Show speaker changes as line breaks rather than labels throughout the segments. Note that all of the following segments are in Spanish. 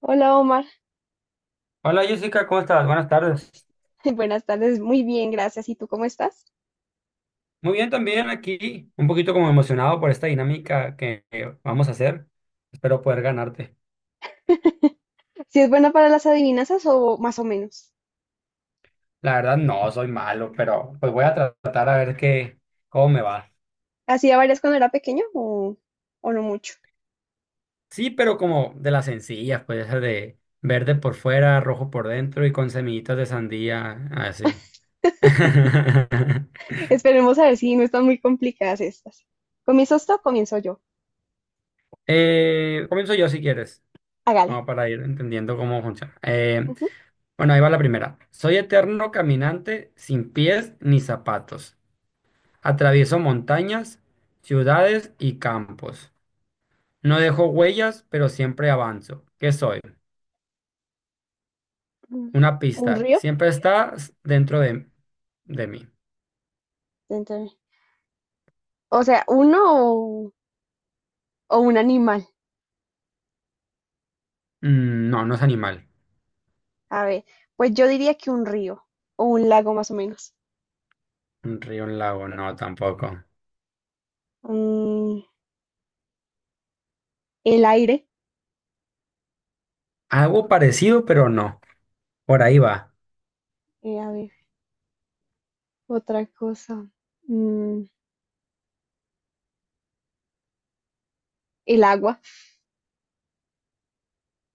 Hola Omar,
Hola Jessica, ¿cómo estás? Buenas tardes.
buenas tardes, muy bien, gracias. ¿Y tú cómo estás?
Muy bien también aquí, un poquito como emocionado por esta dinámica que vamos a hacer. Espero poder ganarte.
¿Si es buena para las adivinanzas o más o menos?
La verdad no, soy malo, pero pues voy a tratar a ver qué, cómo me va.
¿Hacía varias cuando era pequeño o no mucho?
Sí, pero como de las sencillas, puede ser de verde por fuera, rojo por dentro y con semillitas de sandía, así.
Esperemos a ver si no están muy complicadas estas. ¿Comienzas tú o comienzo yo?
Comienzo yo si quieres,
Hágale.
como para ir entendiendo cómo funciona.
Ujú.
Bueno, ahí va la primera. Soy eterno caminante sin pies ni zapatos. Atravieso montañas, ciudades y campos. No dejo huellas, pero siempre avanzo. ¿Qué soy?
Mm.
Una
¿Un
pista.
río?
Siempre estás dentro de mí.
Entonces, o sea, ¿uno o un animal?
Mm, no, no es animal.
A ver, pues yo diría que un río o un lago más o menos.
Un río, un lago, no, tampoco.
Mm, el aire.
Algo parecido, pero no. Por ahí va.
A ver, otra cosa. Mm, el agua.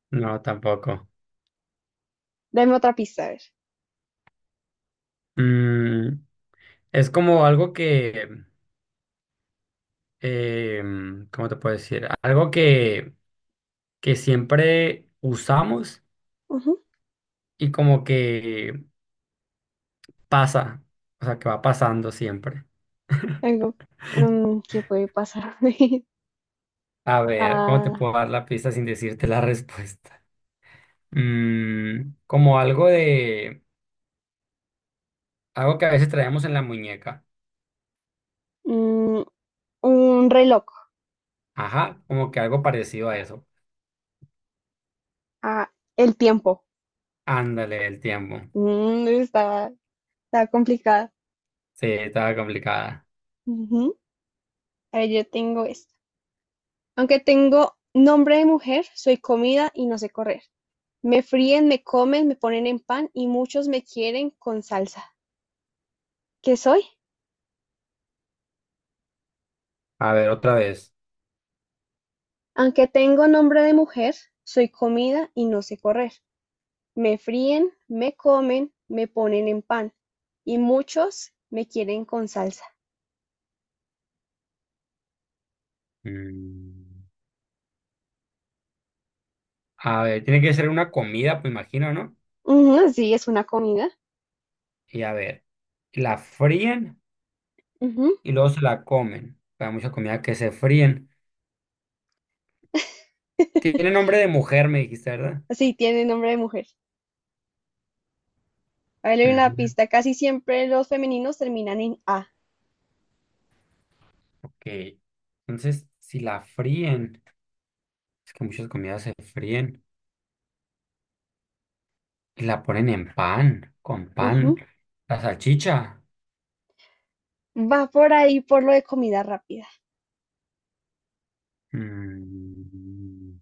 No, tampoco.
Dame otra pista, a ver.
Mm, es como algo que, eh, ¿cómo te puedo decir? Algo que siempre usamos
Ujú.
y como que pasa, o sea, que va pasando siempre.
Algo, que puede pasar
A ver, ¿cómo te
a
puedo dar la pista sin decirte la respuesta? Mm, como algo de, algo que a veces traemos en la muñeca.
mm, un reloj,
Ajá, como que algo parecido a eso.
a el tiempo.
Ándale, el tiempo.
Mm, está, está complicada.
Sí, estaba complicada.
Ujú. A ver, yo tengo esta. Aunque tengo nombre de mujer, soy comida y no sé correr. Me fríen, me comen, me ponen en pan y muchos me quieren con salsa. ¿Qué soy?
A ver, otra vez.
Aunque tengo nombre de mujer, soy comida y no sé correr. Me fríen, me comen, me ponen en pan y muchos me quieren con salsa.
Mm, a ver, tiene que ser una comida, pues imagino, ¿no?
Ujú, sí, es una comida.
Y a ver, ¿la fríen?
Ujú.
Y luego se la comen. Hay mucha comida que se fríen. Tiene nombre de mujer, me dijiste, ¿verdad?
Sí, tiene nombre de mujer. A ver, le una
Ujú,
pista. Casi siempre los femeninos terminan en A.
ok. Entonces, si la fríen, es que muchas comidas se fríen y la ponen en pan, con pan.
Ujú.
La salchicha.
Va por ahí por lo de comida rápida.
mm,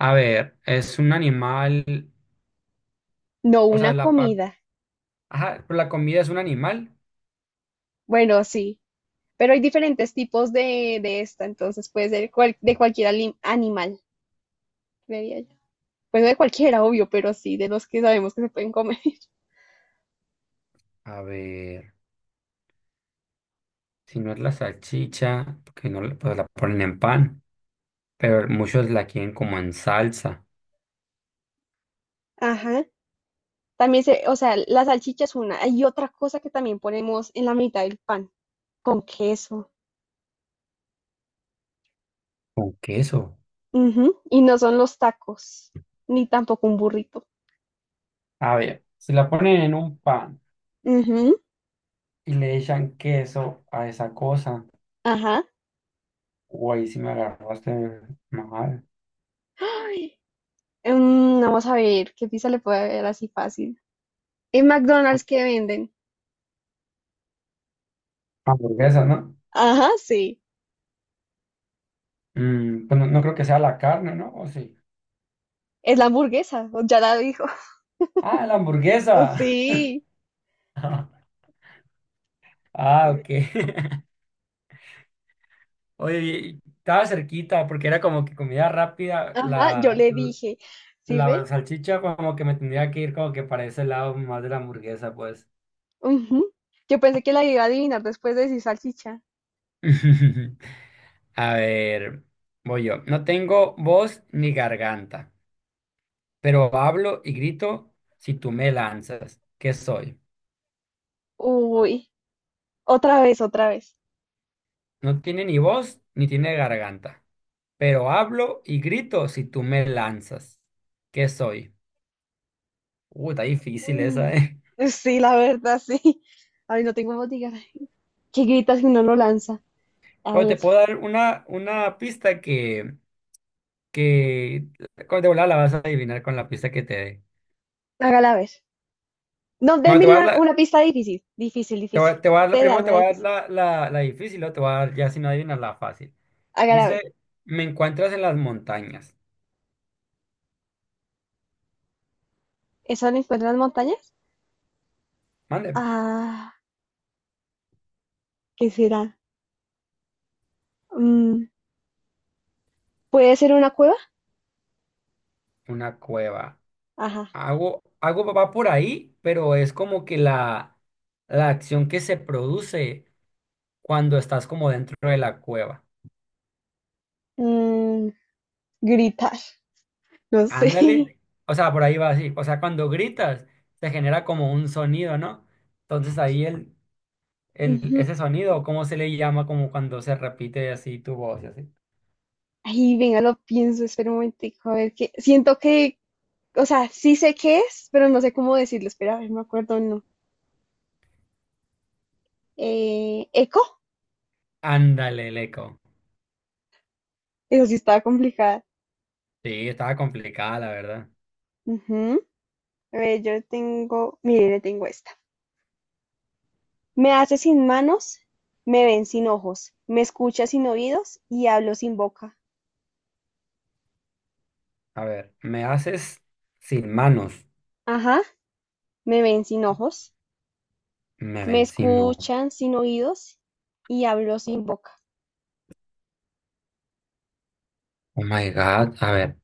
A ver, es un animal,
No
o sea,
una
la parte...
comida.
Ajá, pero la comida es un animal.
Bueno, sí. Pero hay diferentes tipos de esta, entonces puede ser cual- de cualquier ali- animal, creería yo. Pues no de cualquiera, obvio, pero sí, de los que sabemos que se pueden comer.
A ver, si no es la salchicha, porque no, la- pues la ponen en pan, pero muchos la quieren como en salsa.
Ajá. También se, o sea, la salchicha es una. Hay otra cosa que también ponemos en la mitad del pan, con queso.
Con queso.
Ujú. Y no son los tacos, ni tampoco un burrito.
A ver, si la ponen en un pan
Ujú.
y le echan queso a esa cosa,
Ajá.
o ahí sí me agarraste mal.
Ay, no, vamos a ver, ¿qué pizza le puede haber así fácil? En McDonald's que venden.
Hamburguesa, ¿no?
Ajá, sí.
Mm, pues no, no creo que sea la carne, ¿no? ¿O sí?
Es la hamburguesa, o ya la dijo.
Ah, la hamburguesa.
Sí.
Ah, ok. Oye, y estaba cerquita porque era como que comida rápida,
Ajá, yo
la,
le dije. ¿Sí
la
ve?
salchicha como que me tendría que ir como que para ese lado más de la hamburguesa, pues.
Ujú. Yo pensé que la iba a adivinar después de decir salchicha.
A ver, voy yo. No tengo voz ni garganta, pero hablo y grito si tú me lanzas. ¿Qué soy?
Uy, otra vez, otra vez.
No tiene ni voz ni tiene garganta, pero hablo y grito si tú me lanzas. ¿Qué soy? Está difícil
Mm,
esa, ¿eh?
sí, la verdad, sí. Ay, no tengo botiquín. ¿Qué gritas si uno lo lanza? A
Pero
ver,
te puedo dar una pista que con- de volada la vas a adivinar con la pista que te dé.
hágala ver. No,
Bueno,
déme
te voy a dar
la-
la-
una pista difícil. Difícil, difícil.
Te voy a dar la
Usted
primero, te
dármela
voy a dar
difícil.
la difícil, o te voy a dar ya si no adivinas la fácil.
Hágala ver.
Dice, me encuentras en las montañas.
¿Eso lo encuentra en las montañas?
Mande,
Ah, ¿qué será? Mm, ¿Puede ser una cueva?
una cueva.
Ajá.
Hago va por ahí, pero es como que la acción que se produce cuando estás como dentro de la cueva.
Mm, gritar. No sé.
Ándale. O sea, por ahí va así. O sea, cuando gritas, se genera como un sonido, ¿no? Entonces ahí
Ujú.
ese sonido, ¿cómo se le llama? Como cuando se repite así tu voz y así.
Ay, venga, lo pienso. Espera un momentico. A ver qué. Siento que. O sea, sí sé qué es, pero no sé cómo decirlo. Espera, a ver, me acuerdo no. Eco,
Ándale, el eco.
eso sí estaba complicada.
Sí, estaba complicada, la verdad.
Ujú. A ver, yo tengo, mire, le tengo esta. Me hace sin manos, me ven sin ojos, me escucha sin oídos y hablo sin boca.
A ver, me haces sin manos.
Ajá, me ven sin ojos,
Me
me
ven sin no.
escuchan sin oídos y hablo sin boca.
Oh my God. A ver,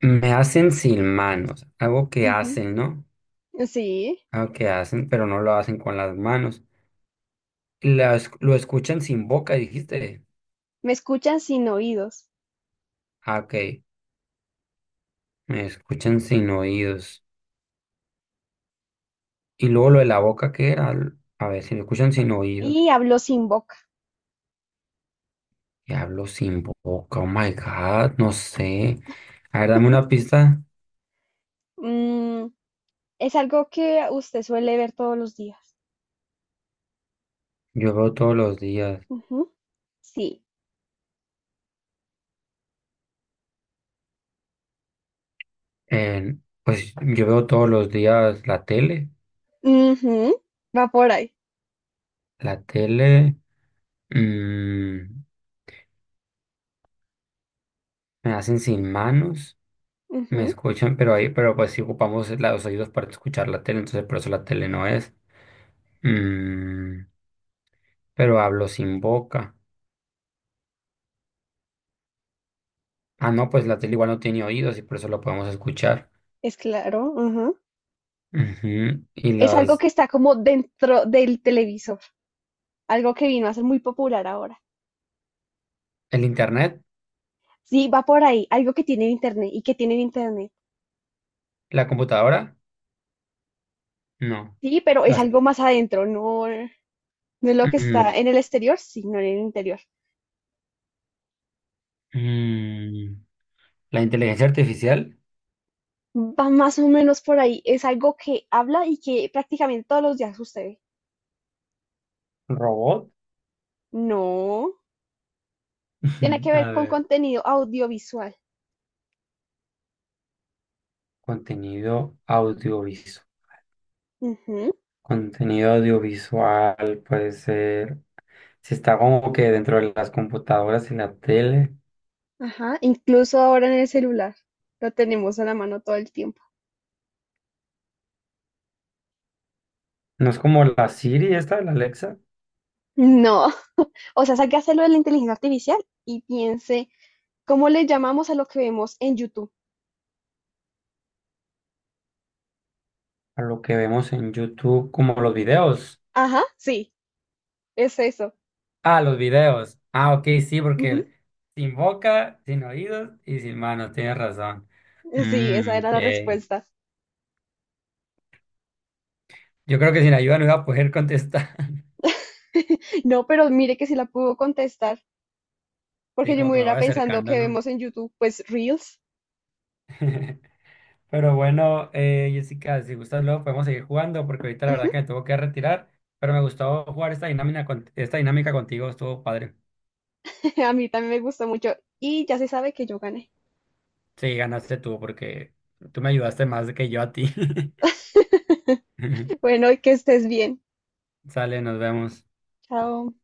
me hacen sin manos. Algo que
Ujú.
hacen, ¿no?
Sí,
Algo que hacen, pero no lo hacen con las manos. Las- lo escuchan sin boca, dijiste.
me escuchan sin oídos
Ah, ok. Me escuchan sin oídos. Y luego lo de la boca, ¿qué era? A ver, si lo escuchan sin oídos.
y hablo sin boca.
Y hablo sin boca. Oh my God. No sé. A ver, dame una pista.
Mm, es algo que usted suele ver todos los días.
Yo veo todos los días.
Ujú. Sí.
En- pues yo veo todos los días la tele.
Ujú. Va por ahí.
La tele mm, me hacen sin manos, me
Ujú.
escuchan, pero ahí, pero pues si ocupamos la- los oídos para escuchar la tele, entonces por eso la tele no es. Mm, pero hablo sin boca. Ah, no, pues la tele igual no tiene oídos y por eso lo podemos escuchar.
Es claro, ujú.
Ujú. Y
Es algo
las,
que está como dentro del televisor, algo que vino a ser muy popular ahora.
el internet,
Sí, va por ahí, algo que tiene internet y que tiene internet.
la computadora, no.
Sí, pero es
Las,
algo más adentro, no es lo que
mm, no.
está en el exterior, sino en el interior.
Mm, la inteligencia artificial,
Va más o menos por ahí, es algo que habla y que prácticamente todos los días sucede.
robot.
No, tiene que ver
A
con
ver.
contenido audiovisual.
Contenido audiovisual.
Ujú.
Contenido audiovisual puede ser, si está como que dentro de las computadoras y la tele,
Ajá, incluso ahora en el celular lo tenemos a la mano todo el tiempo.
no es como la Siri esta de la Alexa,
No. O sea, saque a hacerlo de la inteligencia artificial y piense, ¿cómo le llamamos a lo que vemos en YouTube?
a lo que vemos en YouTube, como los videos.
Ajá, sí, es eso.
Ah, los videos. Ah, ok, sí,
Ujú.
porque sin boca, sin oídos y sin manos, tienes razón.
Sí, esa
Mm,
era la
ok.
respuesta.
Yo creo que sin ayuda no iba a poder contestar.
No, pero mire que sí la pudo contestar,
Sí,
porque yo
como
me
que me voy
hubiera pensando
acercando,
que
¿no?
vemos en YouTube, pues Reels.
Pero bueno, Jessica, si gustas luego podemos seguir jugando porque ahorita la verdad
Ujú.
que me tengo que retirar, pero me gustó jugar esta dinámica, esta dinámica contigo, estuvo padre.
A mí también me gustó mucho y ya se sabe que yo gané.
Sí, ganaste tú porque tú me ayudaste más que yo a ti.
Bueno, y que estés bien.
Sale, nos vemos.
Chao.